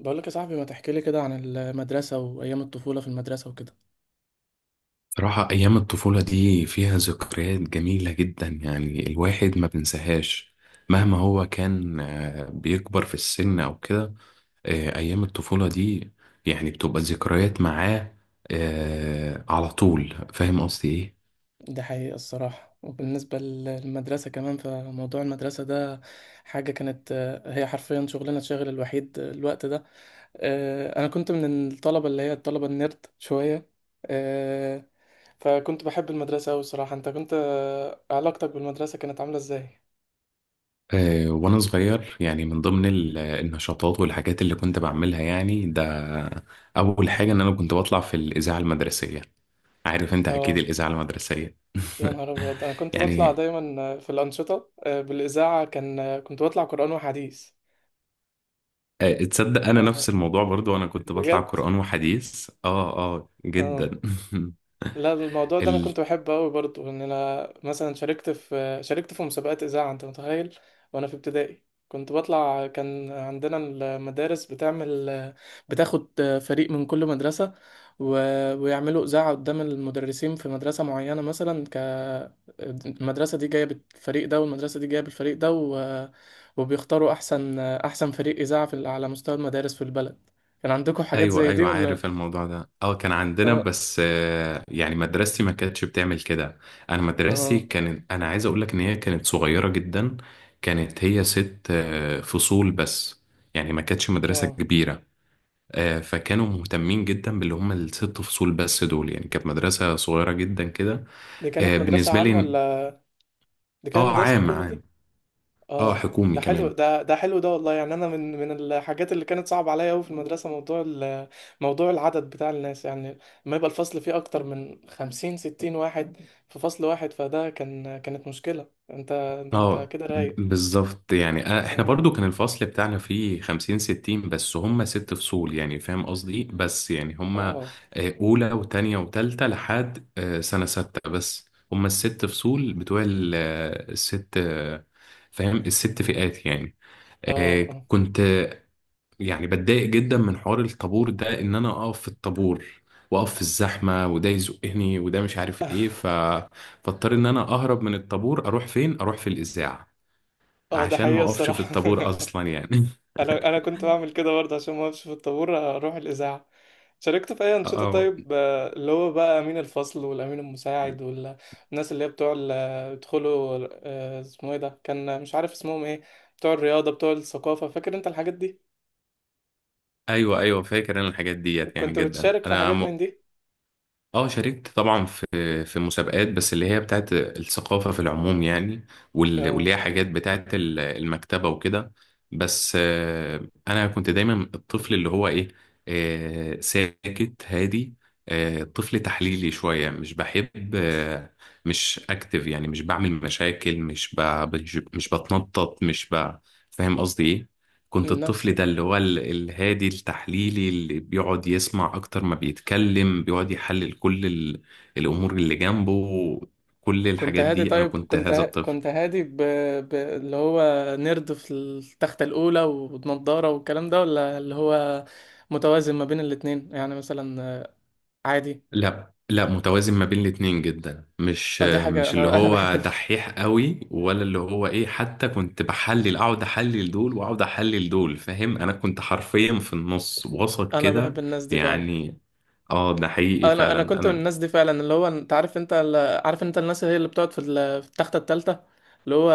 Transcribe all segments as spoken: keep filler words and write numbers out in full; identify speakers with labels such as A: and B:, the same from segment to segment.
A: بقول لك يا صاحبي ما تحكي لي كده عن المدرسة وأيام الطفولة في المدرسة وكده.
B: صراحة أيام الطفولة دي فيها ذكريات جميلة جدا، يعني الواحد ما بنساهاش مهما هو كان آه، بيكبر في السن أو كده. آه، أيام الطفولة دي يعني بتبقى ذكريات معاه. آه، على طول، فاهم قصدي إيه؟
A: دي حقيقة الصراحة. وبالنسبة للمدرسة كمان، فموضوع المدرسة ده حاجة كانت، آه، هي حرفيا شغلنا الشاغل الوحيد الوقت ده. آه، أنا كنت من الطلبة اللي هي الطلبة النيرد شوية. آه، فكنت بحب المدرسة أوي الصراحة. أنت كنت، آه، علاقتك بالمدرسة كانت عاملة إزاي؟
B: آه، وأنا صغير، يعني من ضمن ال- آه، النشاطات والحاجات اللي كنت بعملها، يعني ده أول حاجة إن أنا كنت بطلع في الإذاعة المدرسية. عارف أنت أكيد
A: اه،
B: الإذاعة المدرسية.
A: يا نهار أبيض. أنا كنت بطلع
B: يعني
A: دايما في الأنشطة، آه، بالإذاعة كان كنت بطلع قرآن وحديث.
B: آه، تصدق انا
A: آه،
B: نفس الموضوع برضو، انا كنت بطلع
A: بجد،
B: قرآن وحديث. اه اه
A: اه.
B: جدا.
A: لا، الموضوع ده انا
B: ال...
A: كنت بحبه قوي برضو. ان انا مثلا شاركت في شاركت في مسابقات اذاعه، انت متخيل. وانا في ابتدائي كنت بطلع. كان عندنا المدارس بتعمل، بتاخد فريق من كل مدرسه و... ويعملوا اذاعه قدام المدرسين في مدرسه معينه. مثلا ك المدرسه دي جايه بالفريق ده، والمدرسه دي جايه بالفريق ده، و... وبيختاروا احسن احسن فريق اذاعه في... على مستوى المدارس في البلد. كان عندكم حاجات
B: ايوه
A: زي دي
B: ايوه،
A: ولا؟
B: عارف الموضوع ده. اه، كان عندنا،
A: اه،
B: بس آه، يعني مدرستي ما كانتش بتعمل كده. انا مدرستي
A: اه،
B: كانت انا عايز اقول لك ان هي كانت صغيرة جدا. كانت هي ست آه، فصول بس، يعني ما كانتش مدرسة
A: اه.
B: كبيرة. آه، فكانوا مهتمين جدا باللي هم الست فصول بس دول، يعني كانت مدرسة صغيرة جدا كده.
A: دي
B: آه،
A: كانت مدرسة
B: بالنسبة
A: عام
B: لي.
A: ولا دي كانت
B: اه،
A: مدرسة
B: عام
A: حكومي
B: عام.
A: دي؟
B: اه،
A: اه،
B: حكومي
A: ده حلو
B: كمان.
A: ده، ده حلو ده والله. يعني انا من من الحاجات اللي كانت صعبة عليا قوي في المدرسة موضوع ال- موضوع العدد بتاع الناس يعني. لما يبقى الفصل فيه اكتر من خمسين ستين واحد في فصل واحد، فده كان، كانت مشكلة. انت ده انت
B: اه
A: كده رايق.
B: بالظبط، يعني أنا- احنا
A: اه،
B: برضو كان الفصل بتاعنا فيه خمسين ستين، بس هم ست فصول، يعني فاهم قصدي إيه؟ بس يعني هم آه،
A: اه،
B: اولى وتانية وتالتة لحد آه، سنة ستة، بس هم الست فصول بتوع ال- آه، الست آه، فاهم الست فئات يعني.
A: اه،
B: آه،
A: اه,
B: كنت آه، يعني بتضايق جدا من حوار الطابور ده، ان انا اقف في الطابور واقف في الزحمة وده يزقني وده مش عارف ايه ف... فاضطر ان انا اهرب من الطابور. اروح فين؟ اروح في الاذاعة،
A: آه، ده
B: عشان ما
A: حقيقة
B: اقفش في
A: الصراحة.
B: الطابور اصلا يعني.
A: انا انا كنت بعمل كده برضه عشان ما اقفش في الطابور، اروح الاذاعه. شاركت في اي انشطه
B: اه،
A: طيب، آه، اللي هو بقى امين الفصل والامين المساعد، والناس اللي هي بتوع ال- بيدخلوا، آه، اسمه ايه ده، كان مش عارف اسمهم ايه، بتوع الرياضه بتوع الثقافه. فاكر انت الحاجات دي؟
B: ايوه ايوه، فاكر انا الحاجات ديت يعني
A: كنت
B: جدا
A: بتشارك في
B: انا
A: حاجات
B: م...
A: من دي؟
B: اه شاركت طبعا في في مسابقات، بس اللي هي بتاعت الثقافة في العموم يعني. وال-
A: اه،
B: واللي هي حاجات بتاعت ال- المكتبة وكده. بس آه، انا كنت دايما الطفل اللي هو ايه، آه، ساكت هادي، آه، طفل تحليلي شوية، مش بحب آه، مش اكتف، يعني مش بعمل مشاكل، مش ب- مش مش بتنطط، مش ب- فاهم قصدي إيه؟ كنت الطفل
A: نفسي.
B: ده اللي هو ال- الهادي التحليلي، اللي بيقعد يسمع أكتر ما بيتكلم، بيقعد يحلل كل ال- الأمور اللي جنبه. كل
A: كنت
B: الحاجات
A: هادي
B: دي أنا
A: طيب؟
B: كنت
A: كنت
B: هذا
A: ه...
B: الطفل.
A: كنت هادي ب... ب... اللي هو نرد في التختة الأولى ونضارة والكلام ده، ولا اللي هو متوازن ما بين الاتنين يعني مثلا عادي؟
B: لا لا، متوازن ما بين الاتنين جدا، مش
A: اه، دي حاجة
B: مش اللي
A: انا انا بحب
B: هو
A: الن-
B: دحيح قوي ولا اللي هو ايه. حتى كنت بحلل، اقعد احلل دول واقعد احلل دول. فاهم، انا كنت حرفيا في النص وسط
A: انا بحب
B: كده
A: الناس دي فعلا.
B: يعني. اه، ده حقيقي
A: انا انا
B: فعلا.
A: كنت من
B: انا
A: الناس دي فعلا. اللي هو انت عارف انت ال- عارف انت الناس اللي هي اللي بتقعد في ال- في التختة التالتة، اللي هو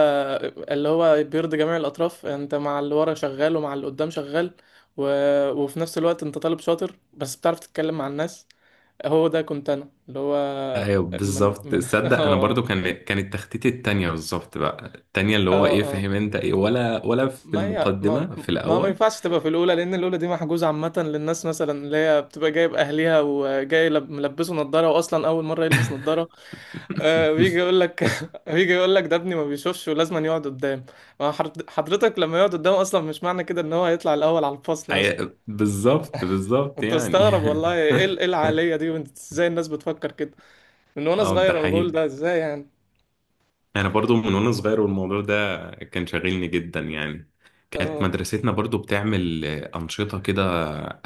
A: اللي هو بيرضي جميع الاطراف. انت مع اللي ورا شغال، ومع اللي قدام شغال، و... وفي نفس الوقت انت طالب شاطر بس بتعرف تتكلم مع الناس. هو ده كنت انا اللي هو.
B: ايوه
A: من
B: بالظبط،
A: من
B: تصدق انا
A: اه، اه،
B: برضو كان كانت تخطيطي التانية بالظبط. بقى التانية اللي
A: اه،
B: هو ايه،
A: آه.
B: فاهم انت ايه، ولا ولا في
A: ما هي ما
B: المقدمة في
A: ما, ما
B: الاول؟
A: ينفعش تبقى في الاولى، لان الاولى دي محجوزه عامه للناس مثلا اللي هي بتبقى جايب اهليها وجاي لب- ملبسه نظاره، واصلا اول مره يلبس نظاره. آه، بيجي يقول لك بيجي يقول لك ده ابني ما بيشوفش ولازم يقعد قدام. ما حر- حضرتك لما يقعد قدام اصلا مش معنى كده ان هو هيطلع الاول على الفصل مثلا.
B: أي- بالظبط بالظبط
A: انت
B: يعني.
A: استغرب والله، ايه ال- إيه العقليه دي، وانت ازاي الناس بتفكر كده؟ من وانا
B: اه ده
A: صغير انا بقول
B: حقيقي،
A: ده ازاي يعني.
B: انا برضو من وانا صغير والموضوع ده كان شاغلني جدا يعني. كانت
A: اه،
B: مدرستنا برضو بتعمل أنشطة كده،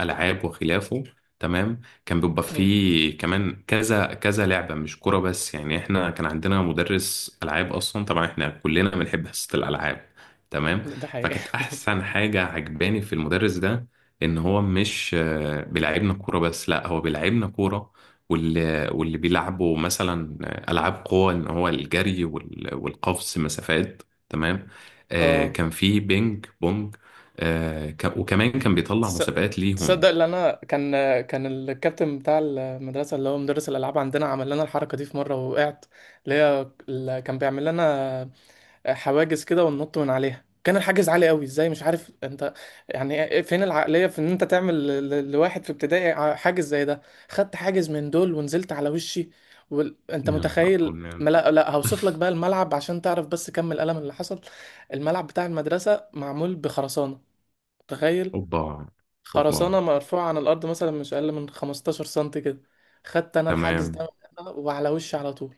B: ألعاب وخلافه. تمام. كان بيبقى
A: أمم،
B: فيه كمان كذا كذا لعبة، مش كرة بس، يعني احنا كان عندنا مدرس ألعاب أصلا. طبعا احنا كلنا بنحب حصة الألعاب. تمام.
A: ده حقيقي.
B: فكانت أحسن حاجة عجباني في المدرس ده، إن هو مش آه، بيلعبنا كورة بس، لا، هو بيلعبنا كورة واللي واللي بيلعبوا مثلا ألعاب قوة، إن هو الجري وال- والقفز مسافات. تمام. آه،
A: اه،
B: كان في بينج بونج. آه، ك- وكمان كان بيطلع
A: تس-
B: مسابقات ليهم.
A: تصدق ان انا كان، كان الكابتن بتاع المدرسه اللي هو مدرس الالعاب عندنا عمل لنا الحركه دي في مره وقعت، اللي هي اللي كان بيعمل لنا حواجز كده وننط من عليها. كان الحاجز عالي قوي ازاي مش عارف انت. يعني فين العقليه في ان انت تعمل ل- ل- لواحد في ابتدائي ع- حاجز زي ده. خدت حاجز من دول ونزلت على وشي. وانت
B: يا نهار
A: متخيل.
B: أبيض.
A: ما لا لا، هوصف لك بقى الملعب عشان تعرف بس كم الألم اللي حصل. الملعب بتاع المدرسه معمول بخرسانه، متخيل.
B: اوبا اوبا،
A: خرسانة مرفوعة عن الأرض مثلا مش أقل من خمستاشر سنتي كده. خدت أنا الحجز
B: تمام.
A: ده وعلى وشي على طول.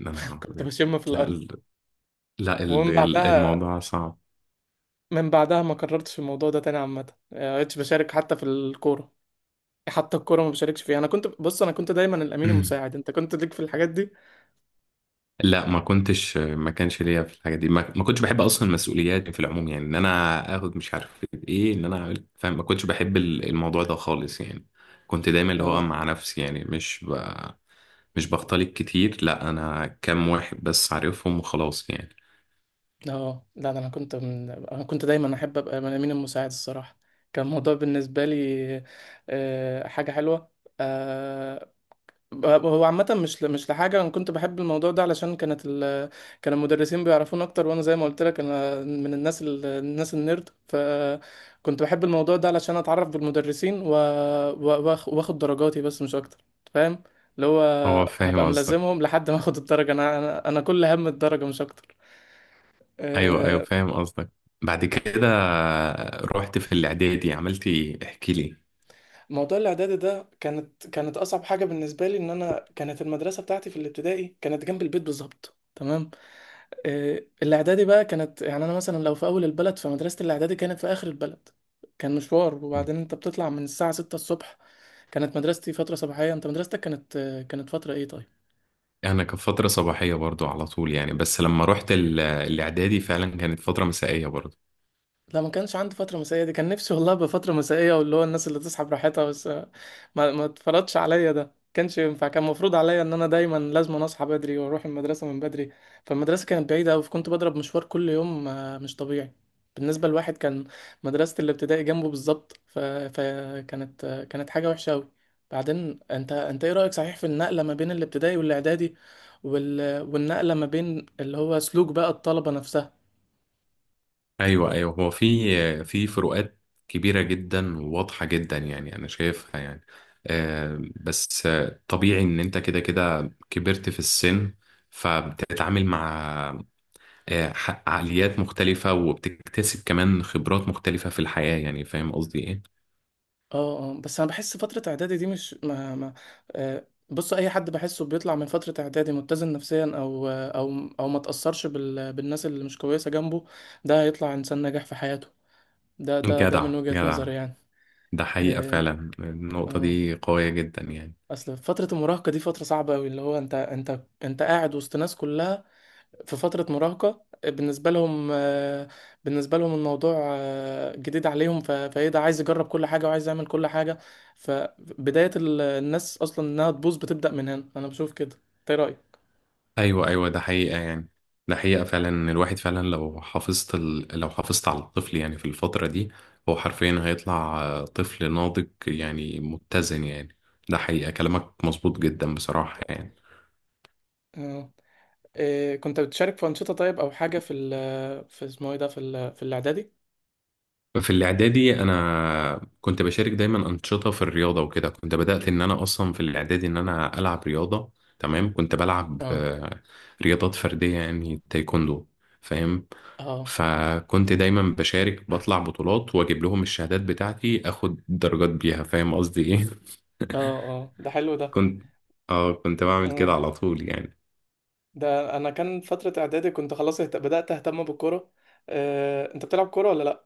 B: يا نهار
A: كنت
B: أبيض.
A: بشم في
B: لا
A: الأرض.
B: ال- لا ال-
A: ومن
B: ال-
A: بعدها،
B: الموضوع صعب.
A: من بعدها ما كررتش الموضوع ده تاني عامة يعني. ما بقتش بشارك حتى في الكورة. حتى الكورة ما بشاركش فيها. أنا كنت بص، أنا كنت دايما الأمين المساعد. أنت كنت ليك في الحاجات دي؟
B: لا، ما كنتش ما كانش ليا في الحاجه دي. ما, ما كنتش بحب اصلا المسؤوليات في العموم، يعني ان انا اخد مش عارف ايه، ان انا اعمل، فاهم؟ ما كنتش بحب ال- الموضوع ده خالص يعني. كنت دايما اللي هو
A: أه،
B: مع نفسي، يعني مش ب... مش بختلط كتير. لا، انا كام واحد بس عارفهم وخلاص يعني.
A: أه، لا. ده أنا كنت من... أنا كنت دايما أحب أبقى من الأمين المساعد الصراحة. كان الموضوع بالنسبة لي، آه، حاجة حلوة. آه، هو عامة مش ل- مش لحاجة. أنا كنت بحب الموضوع ده علشان كانت ال... كان المدرسين بيعرفون أكتر. وأنا زي ما قلت لك أنا من الناس ال... الناس النيرد، فكنت بحب الموضوع ده علشان أتعرف بالمدرسين، و... و... وآخ- وآخد درجاتي بس مش أكتر. فاهم، اللي هو
B: هو فاهم
A: هبقى
B: قصدك.
A: ملازمهم لحد ما آخد الدرجة. أنا أنا, أنا كل هم الدرجة مش أكتر.
B: ايوه ايوه،
A: آه،
B: فاهم قصدك. بعد كده رحت في الاعدادي، عملت ايه، احكي لي.
A: موضوع الإعدادي ده كانت كانت أصعب حاجة بالنسبة لي. إن أنا كانت المدرسة بتاعتي في الابتدائي كانت جنب البيت بالظبط، تمام. آه، الاعدادي بقى كانت، يعني انا مثلا لو في اول البلد فمدرسه الاعدادي كانت في اخر البلد. كان مشوار.
B: مم.
A: وبعدين انت بتطلع من الساعه سته الصبح. كانت مدرستي فتره صباحيه. انت مدرستك كانت، آه، كانت فتره ايه طيب؟
B: انا كانت فتره صباحيه برضو على طول يعني، بس لما رحت ال- الاعدادي فعلا كانت فتره مسائيه برضو.
A: لا، ما كانش عندي فترة مسائية دي. كان نفسي والله أبقى فترة مسائية، واللي هو الناس اللي تصحى براحتها. بس آه، ما ما اتفرضش عليا ده، كانش ينفع. كان المفروض عليا ان انا دايما لازم اصحى بدري واروح المدرسة من بدري. فالمدرسة كانت بعيدة أوي، فكنت بضرب مشوار كل يوم، آه، مش طبيعي بالنسبة لواحد كان مدرسة الابتدائي جنبه بالظبط. ف... فكانت، آه، كانت حاجة وحشة أوي. بعدين انت، انت ايه رأيك صحيح في النقلة ما بين الابتدائي والاعدادي، وال... والنقلة ما بين اللي هو سلوك بقى الطلبة نفسها؟
B: ايوه ايوه، هو في في فروقات كبيره جدا وواضحه جدا، يعني انا شايفها يعني. آه، بس آه، طبيعي ان انت كده كده كبرت في السن، فبتتعامل مع آه، ح- عقليات مختلفة وبتكتسب كمان خبرات مختلفة في الحياة، يعني فاهم قصدي ايه؟
A: اه، اه، بس انا بحس فترة اعدادي دي مش ما ما آه. بص، اي حد بحسه بيطلع من فترة اعدادي متزن نفسيا، او او او ما تأثرش بال بالناس اللي مش كويسة جنبه، ده هيطلع انسان ناجح في حياته. ده ده ده
B: جدع
A: من وجهة
B: جدع.
A: نظري يعني.
B: ده حقيقة
A: اه،
B: فعلا، النقطة
A: آه.
B: دي قوية جدا يعني.
A: اصل فترة المراهقة دي فترة صعبة قوي، اللي هو انت، انت انت قاعد وسط ناس كلها في فترة مراهقة. بالنسبة لهم، آه، بالنسبة لهم الموضوع، آه، جديد عليهم. ف- فايه ده عايز يجرب كل حاجة وعايز يعمل كل حاجة. فبداية ال- الناس أصلا إنها تبوظ بتبدأ من هنا. أنا بشوف كده. إنت إيه رأيك؟
B: ايوه ايوه، ده حقيقة يعني. ده حقيقة فعلا إن الواحد فعلا لو حافظت ال... لو حافظت على الطفل يعني في الفترة دي، هو حرفيا هيطلع آه، طفل ناضج يعني، متزن يعني. ده حقيقة كلامك مظبوط جدا بصراحة يعني.
A: آه. إيه، كنت بتشارك في أنشطة طيب أو حاجة في ال في اسمه إيه ده، في ال في الإعدادي؟
B: في الاعدادي انا كنت بشارك دايما انشطه في الرياضه وكده. كنت بدات ان انا اصلا في الاعدادي ان انا العب رياضه. تمام. كنت بلعب
A: اه،
B: آه، رياضات فرديه، يعني تايكوندو، فاهم؟
A: اه،
B: فكنت دايما بشارك، بطلع بطولات واجيب لهم الشهادات بتاعتي، اخد درجات بيها. فاهم قصدي ايه؟
A: اه، اه، ده حلو ده.
B: كنت اه كنت بعمل
A: اه،
B: كده على طول يعني.
A: ده أنا كان فترة إعدادي كنت خلاص اهت- بدأت أهتم بالكورة. آه. أنت بتلعب كورة ولا لأ؟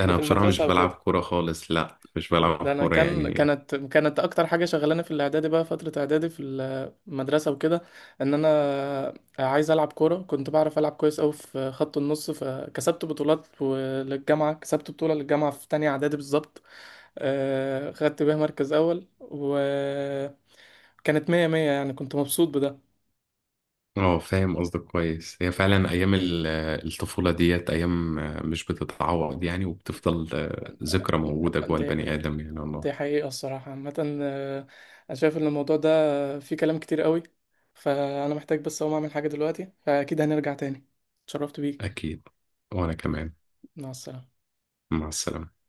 B: انا بصراحه
A: المدرسة
B: مش
A: أو
B: بلعب
A: كده؟
B: كوره خالص. لا، مش
A: لا،
B: بلعب
A: ده انا
B: كوره
A: كان،
B: يعني.
A: كانت كانت اكتر حاجه شغلاني في الاعدادي بقى فتره اعدادي في المدرسه وكده ان انا عايز العب كوره. كنت بعرف العب كويس قوي في خط النص، فكسبت بطولات للجامعه. كسبت بطوله للجامعه في تانية اعدادي بالظبط. آه، خدت بيها مركز اول، وكانت مية مية يعني. كنت مبسوط.
B: اه، فاهم قصدك كويس. هي فعلا ايام ال- آه، الطفوله ديت، ايام آه، مش بتتعوض يعني، وبتفضل آه، ذكرى موجوده جوه
A: بده،
B: البني ادم، يعني والله.
A: دي حقيقة الصراحة. عامة آه، أنا شايف إن الموضوع ده، آه، فيه كلام كتير قوي. فأنا محتاج بس أقوم أعمل حاجة دلوقتي، فأكيد هنرجع تاني. اتشرفت بيك.
B: اكيد. وانا
A: أكيد.
B: كمان.
A: مع السلامة.
B: مع السلامه.